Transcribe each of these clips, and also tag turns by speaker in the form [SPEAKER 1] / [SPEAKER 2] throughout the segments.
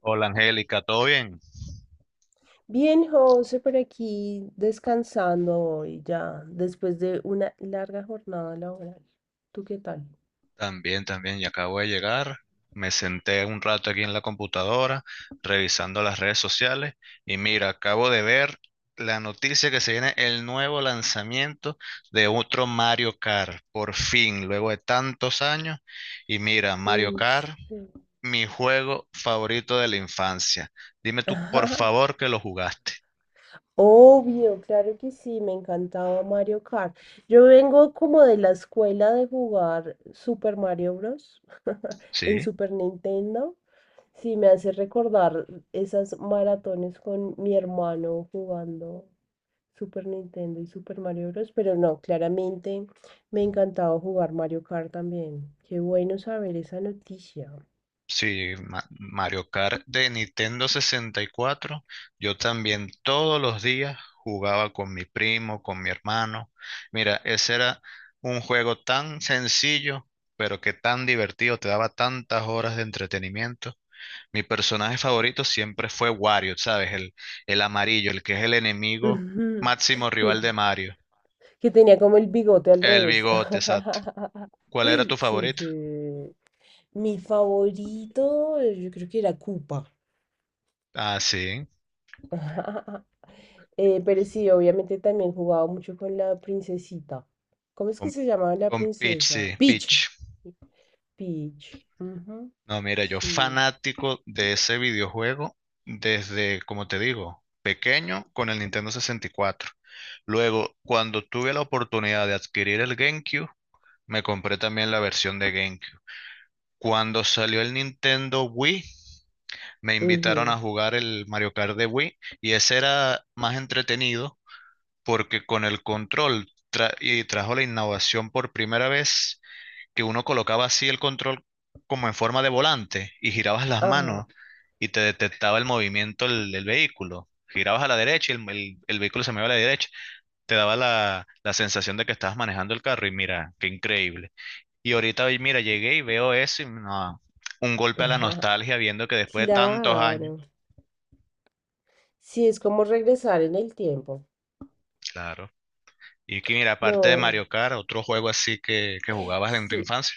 [SPEAKER 1] Hola Angélica, ¿todo bien?
[SPEAKER 2] Bien, José, por aquí descansando hoy ya, después de una larga jornada laboral. ¿Tú qué tal?
[SPEAKER 1] También, también, ya acabo de llegar. Me senté un rato aquí en la computadora revisando las redes sociales y mira, acabo de ver la noticia que se viene el nuevo lanzamiento de otro Mario Kart, por fin, luego de tantos años. Y mira, Mario
[SPEAKER 2] En
[SPEAKER 1] Kart,
[SPEAKER 2] serio.
[SPEAKER 1] mi juego favorito de la infancia. Dime tú, por
[SPEAKER 2] Ajá,
[SPEAKER 1] favor, que lo jugaste.
[SPEAKER 2] obvio, claro que sí, me encantaba Mario Kart. Yo vengo como de la escuela de jugar Super Mario Bros. en
[SPEAKER 1] ¿Sí?
[SPEAKER 2] Super Nintendo. Sí, me hace recordar esas maratones con mi hermano jugando Super Nintendo y Super Mario Bros. Pero no, claramente me encantaba jugar Mario Kart también. Qué bueno saber esa noticia.
[SPEAKER 1] Sí, Mario Kart de Nintendo 64. Yo también todos los días jugaba con mi primo, con mi hermano. Mira, ese era un juego tan sencillo, pero que tan divertido, te daba tantas horas de entretenimiento. Mi personaje favorito siempre fue Wario, ¿sabes? El amarillo, el que es el enemigo
[SPEAKER 2] Ujú.
[SPEAKER 1] máximo
[SPEAKER 2] Que,
[SPEAKER 1] rival de Mario.
[SPEAKER 2] que tenía como el bigote al
[SPEAKER 1] El
[SPEAKER 2] revés.
[SPEAKER 1] bigote, exacto. ¿Cuál era tu
[SPEAKER 2] Sí,
[SPEAKER 1] favorito?
[SPEAKER 2] sí. Mi favorito, yo creo que era Koopa.
[SPEAKER 1] Ah, sí,
[SPEAKER 2] Pero sí, obviamente también jugaba mucho con la princesita. ¿Cómo es que
[SPEAKER 1] con,
[SPEAKER 2] se llamaba la
[SPEAKER 1] con Peach,
[SPEAKER 2] princesa?
[SPEAKER 1] sí, Peach.
[SPEAKER 2] Peach. Peach. Ujú.
[SPEAKER 1] No, mira, yo
[SPEAKER 2] Sí.
[SPEAKER 1] fanático de ese videojuego desde, como te digo, pequeño con el Nintendo 64. Luego, cuando tuve la oportunidad de adquirir el GameCube, me compré también la versión de GameCube. Cuando salió el Nintendo Wii, me invitaron
[SPEAKER 2] Ujú.
[SPEAKER 1] a jugar el Mario Kart de Wii y ese era más entretenido porque con el control y trajo la innovación por primera vez que uno colocaba así el control como en forma de volante y girabas las
[SPEAKER 2] Ajá.
[SPEAKER 1] manos y te detectaba el movimiento del vehículo. Girabas a la derecha y el vehículo se movía a la derecha. Te daba la sensación de que estabas manejando el carro y mira, qué increíble. Y ahorita, hoy, mira, llegué y veo eso y no, un golpe a la nostalgia viendo que después de tantos años,
[SPEAKER 2] Claro. Sí, es como regresar en el tiempo.
[SPEAKER 1] claro. Y que mira, aparte de
[SPEAKER 2] No.
[SPEAKER 1] Mario Kart, otro juego así que jugabas en tu
[SPEAKER 2] Sí,
[SPEAKER 1] infancia.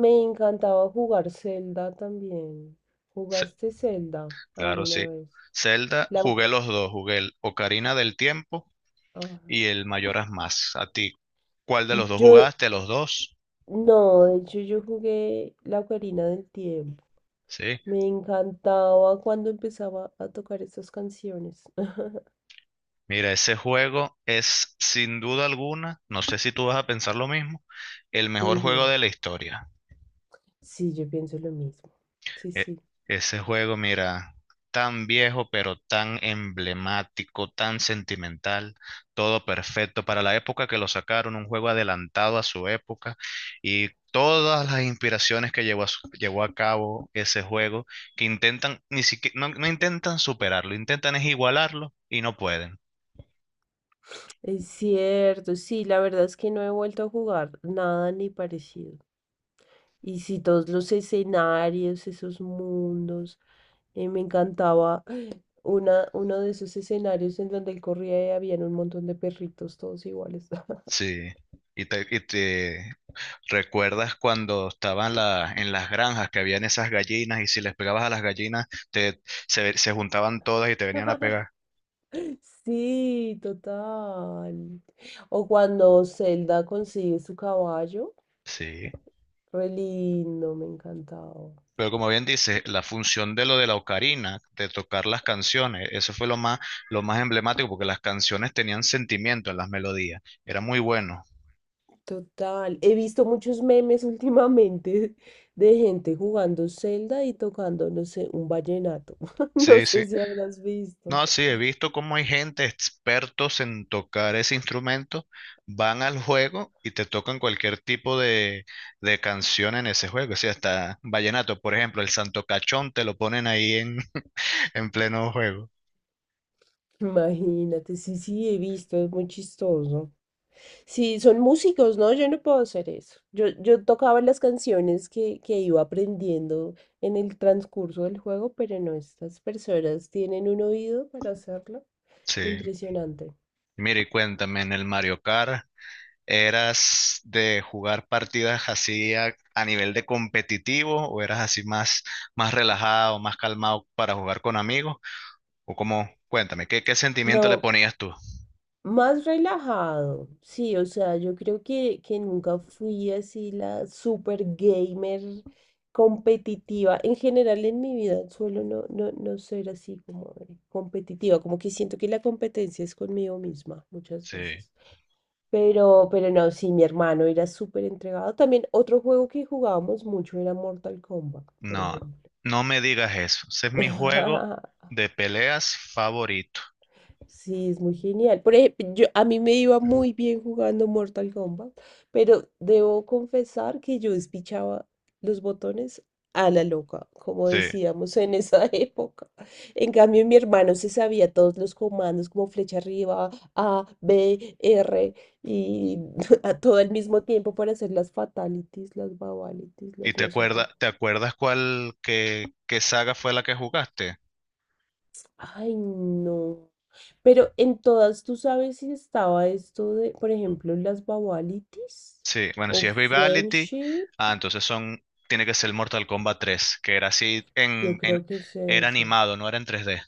[SPEAKER 2] me encantaba jugar Zelda también.
[SPEAKER 1] Sí,
[SPEAKER 2] ¿Jugaste Zelda
[SPEAKER 1] claro,
[SPEAKER 2] alguna
[SPEAKER 1] sí.
[SPEAKER 2] vez?
[SPEAKER 1] Zelda,
[SPEAKER 2] La...
[SPEAKER 1] jugué
[SPEAKER 2] oc-
[SPEAKER 1] los dos, jugué el Ocarina del Tiempo
[SPEAKER 2] ajá.
[SPEAKER 1] y el mayoras más. A ti, ¿cuál de los dos
[SPEAKER 2] Yo,
[SPEAKER 1] jugaste? Los dos,
[SPEAKER 2] no, de hecho yo jugué la Ocarina del Tiempo.
[SPEAKER 1] ¿sí?
[SPEAKER 2] Me encantaba cuando empezaba a tocar estas canciones.
[SPEAKER 1] Mira, ese juego es sin duda alguna, no sé si tú vas a pensar lo mismo, el mejor juego
[SPEAKER 2] Ujú.
[SPEAKER 1] de la historia.
[SPEAKER 2] Sí, yo pienso lo mismo. Sí,
[SPEAKER 1] E-
[SPEAKER 2] sí.
[SPEAKER 1] Ese juego, mira, tan viejo, pero tan emblemático, tan sentimental, todo perfecto para la época que lo sacaron, un juego adelantado a su época y todas las inspiraciones que llevó a, llevó a cabo ese juego, que intentan, ni siquiera, no, no intentan superarlo, intentan es igualarlo y no pueden.
[SPEAKER 2] Es cierto, sí, la verdad es que no he vuelto a jugar nada ni parecido. Y sí, todos los escenarios, esos mundos, me encantaba uno de esos escenarios en donde él corría y habían un montón de perritos todos iguales.
[SPEAKER 1] Sí, y te ¿recuerdas cuando estaban en las granjas que habían esas gallinas y si les pegabas a las gallinas se juntaban todas y te venían a pegar?
[SPEAKER 2] Sí, total. O cuando Zelda consigue su caballo.
[SPEAKER 1] Sí.
[SPEAKER 2] Re lindo, me encantaba.
[SPEAKER 1] Pero como bien dices, la función de lo de la ocarina, de tocar las canciones, eso fue lo más emblemático porque las canciones tenían sentimiento en las melodías. Era muy bueno.
[SPEAKER 2] Total. He visto muchos memes últimamente de gente jugando Zelda y tocando, no sé, un vallenato. No
[SPEAKER 1] Sí, sí.
[SPEAKER 2] sé si habrás visto.
[SPEAKER 1] No, sí, he visto cómo hay gente expertos en tocar ese instrumento, van al juego y te tocan cualquier tipo de canción en ese juego. O sea, hasta vallenato, por ejemplo, el Santo Cachón te lo ponen ahí en, en pleno juego.
[SPEAKER 2] Imagínate, sí, sí, he visto, es muy chistoso. Sí, son músicos, ¿no? Yo no puedo hacer eso. Yo tocaba las canciones que iba aprendiendo en el transcurso del juego, pero no, estas personas tienen un oído para hacerlo.
[SPEAKER 1] Sí.
[SPEAKER 2] Impresionante.
[SPEAKER 1] Mira, y cuéntame, en el Mario Kart, ¿eras de jugar partidas así a nivel de competitivo o eras así más relajado, más calmado para jugar con amigos? O cómo, cuéntame, ¿qué sentimiento le
[SPEAKER 2] No,
[SPEAKER 1] ponías tú?
[SPEAKER 2] más relajado, sí, o sea, yo creo que nunca fui así la super gamer competitiva. En general en mi vida suelo no ser así como de competitiva, como que siento que la competencia es conmigo misma muchas
[SPEAKER 1] Sí.
[SPEAKER 2] veces. Pero no, sí, mi hermano era súper entregado. También otro juego que jugábamos mucho era Mortal Kombat, por
[SPEAKER 1] No,
[SPEAKER 2] ejemplo.
[SPEAKER 1] no me digas eso. Ese es mi juego de peleas favorito.
[SPEAKER 2] Sí, es muy genial. Por ejemplo, a mí me iba muy bien jugando Mortal Kombat, pero debo confesar que yo despichaba los botones a la loca, como
[SPEAKER 1] Sí.
[SPEAKER 2] decíamos en esa época. En cambio, mi hermano se sabía todos los comandos, como flecha arriba, A, B, R, y a todo al mismo tiempo para hacer las fatalities, las babalities,
[SPEAKER 1] ¿Y
[SPEAKER 2] las
[SPEAKER 1] te
[SPEAKER 2] no sé
[SPEAKER 1] acuerdas,
[SPEAKER 2] qué.
[SPEAKER 1] te acuerdas qué saga fue la que jugaste?
[SPEAKER 2] Ay, no. Pero en todas, ¿tú sabes si estaba esto de, por ejemplo, las Babalitis
[SPEAKER 1] Sí, bueno,
[SPEAKER 2] o
[SPEAKER 1] si es Vivality,
[SPEAKER 2] Friendship?
[SPEAKER 1] ah, entonces son, tiene que ser Mortal Kombat 3, que era así
[SPEAKER 2] Yo creo que es
[SPEAKER 1] era
[SPEAKER 2] ese.
[SPEAKER 1] animado, no era en 3D.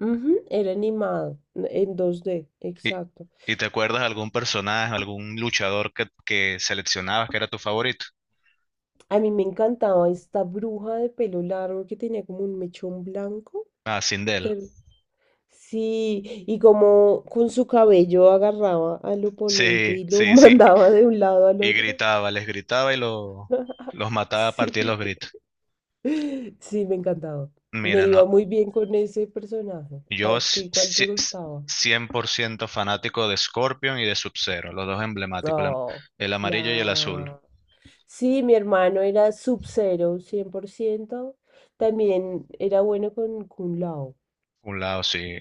[SPEAKER 2] Ujú, era animado, en 2D,
[SPEAKER 1] ¿Y,
[SPEAKER 2] exacto.
[SPEAKER 1] y te acuerdas algún personaje, algún luchador que seleccionabas que era tu favorito?
[SPEAKER 2] A mí me encantaba esta bruja de pelo largo que tenía como un mechón blanco.
[SPEAKER 1] Ah, Sindel.
[SPEAKER 2] ter- Sí, y como con su cabello agarraba al oponente
[SPEAKER 1] Sí,
[SPEAKER 2] y lo
[SPEAKER 1] sí, sí.
[SPEAKER 2] mandaba de un lado al
[SPEAKER 1] Y
[SPEAKER 2] otro.
[SPEAKER 1] gritaba, les gritaba y los mataba a partir de
[SPEAKER 2] Sí.
[SPEAKER 1] los gritos.
[SPEAKER 2] Sí, me encantaba. Me
[SPEAKER 1] Mira, no,
[SPEAKER 2] iba muy bien con ese personaje.
[SPEAKER 1] yo
[SPEAKER 2] ¿A
[SPEAKER 1] s-
[SPEAKER 2] ti cuál te
[SPEAKER 1] si- s-
[SPEAKER 2] gustaba?
[SPEAKER 1] 100% fanático de Scorpion y de Sub-Zero, los dos emblemáticos, el, am-
[SPEAKER 2] Oh,
[SPEAKER 1] el amarillo y el azul.
[SPEAKER 2] claro. Sí, mi hermano era Sub-Zero, 100%. También era bueno con Kun Lao.
[SPEAKER 1] Un lado, sí,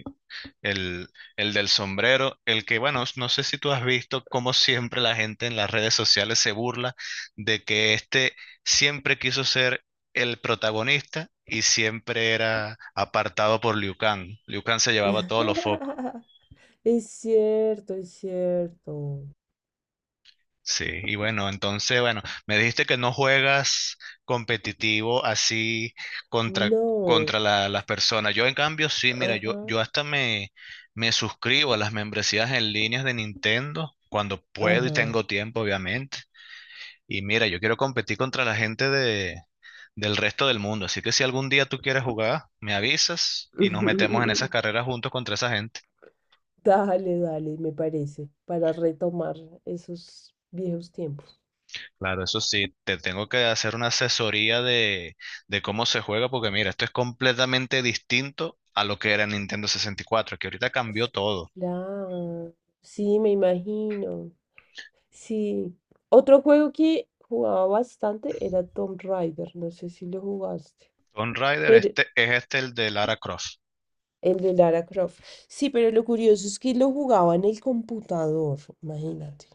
[SPEAKER 1] el, el del sombrero, el que, bueno, no sé si tú has visto cómo siempre la gente en las redes sociales se burla de que este siempre quiso ser el protagonista y siempre era apartado por Liu Kang. Liu Kang se llevaba todos los focos.
[SPEAKER 2] Es cierto, es cierto.
[SPEAKER 1] Sí, y bueno, entonces, bueno, me dijiste que no juegas competitivo así contra,
[SPEAKER 2] No.
[SPEAKER 1] las personas. Yo en cambio sí, mira, yo,
[SPEAKER 2] Ajá,
[SPEAKER 1] yo hasta me suscribo a las membresías en líneas de Nintendo cuando puedo y
[SPEAKER 2] ajá.
[SPEAKER 1] tengo tiempo, obviamente. Y mira, yo quiero competir contra la gente del resto del mundo. Así que si algún día tú quieres jugar, me avisas y nos metemos en esas carreras juntos contra esa gente.
[SPEAKER 2] Dale, dale, me parece, para retomar esos viejos tiempos.
[SPEAKER 1] Claro, eso sí, te tengo que hacer una asesoría de cómo se juega, porque mira, esto es completamente distinto a lo que era Nintendo 64, que ahorita cambió todo.
[SPEAKER 2] Claro, sí, me imagino. Sí. Otro juego que jugaba bastante era Tomb Raider, no sé si lo jugaste,
[SPEAKER 1] Tomb Raider,
[SPEAKER 2] pero
[SPEAKER 1] este es este el de Lara Croft.
[SPEAKER 2] el de Lara Croft. Sí, pero lo curioso es que lo jugaba en el computador, imagínate.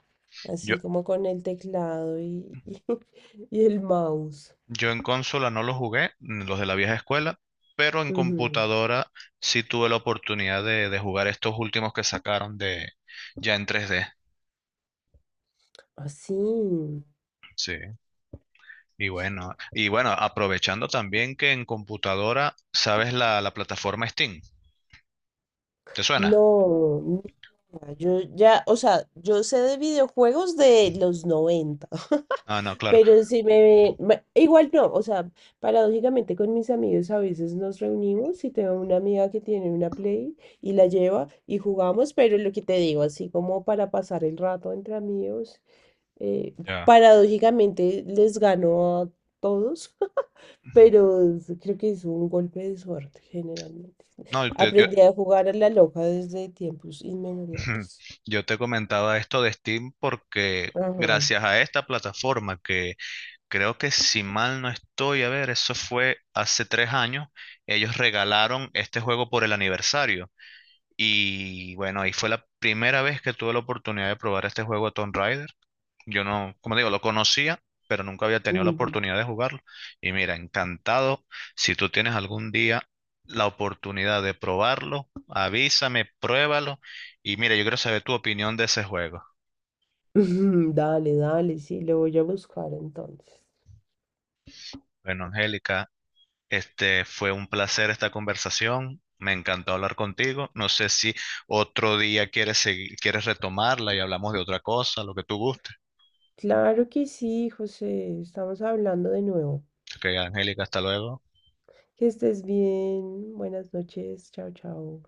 [SPEAKER 1] Yo,
[SPEAKER 2] Así como con el teclado y y el mouse.
[SPEAKER 1] yo en consola no lo jugué, los de la vieja escuela, pero en
[SPEAKER 2] Ujú.
[SPEAKER 1] computadora sí tuve la oportunidad de jugar estos últimos que sacaron de ya en 3D.
[SPEAKER 2] Así.
[SPEAKER 1] Sí, y bueno, aprovechando también que en computadora, ¿sabes la plataforma Steam? ¿Te suena?
[SPEAKER 2] No, mira, yo ya, o sea, yo sé de videojuegos de los noventa.
[SPEAKER 1] Ah, no, claro.
[SPEAKER 2] Pero igual no, o sea, paradójicamente con mis amigos a veces nos reunimos y tengo una amiga que tiene una Play y la lleva y jugamos, pero lo que te digo, así como para pasar el rato entre amigos, eh,
[SPEAKER 1] Ya.
[SPEAKER 2] paradójicamente les gano a todos, pero creo que es un golpe de suerte generalmente.
[SPEAKER 1] No, yo,
[SPEAKER 2] Aprendí a jugar a la loca desde tiempos inmemorables.
[SPEAKER 1] yo te comentaba esto de Steam porque
[SPEAKER 2] Ajá.
[SPEAKER 1] gracias a esta plataforma que creo que si mal no estoy, a ver, eso fue hace 3 años, ellos regalaron este juego por el aniversario. Y bueno, ahí fue la primera vez que tuve la oportunidad de probar este juego Tomb Raider. Yo no, como digo, lo conocía, pero nunca había tenido la
[SPEAKER 2] Ujú.
[SPEAKER 1] oportunidad de jugarlo. Y mira, encantado. Si tú tienes algún día la oportunidad de probarlo, avísame, pruébalo. Y mira, yo quiero saber tu opinión de ese juego.
[SPEAKER 2] Dale, dale, sí, lo voy a buscar entonces.
[SPEAKER 1] Bueno, Angélica, este fue un placer esta conversación. Me encantó hablar contigo. No sé si otro día quieres retomarla y hablamos de otra cosa, lo que tú gustes.
[SPEAKER 2] Claro que sí, José. Estamos hablando de nuevo.
[SPEAKER 1] Ok, Angélica, hasta luego.
[SPEAKER 2] Que estés bien. Buenas noches. Chao, chao.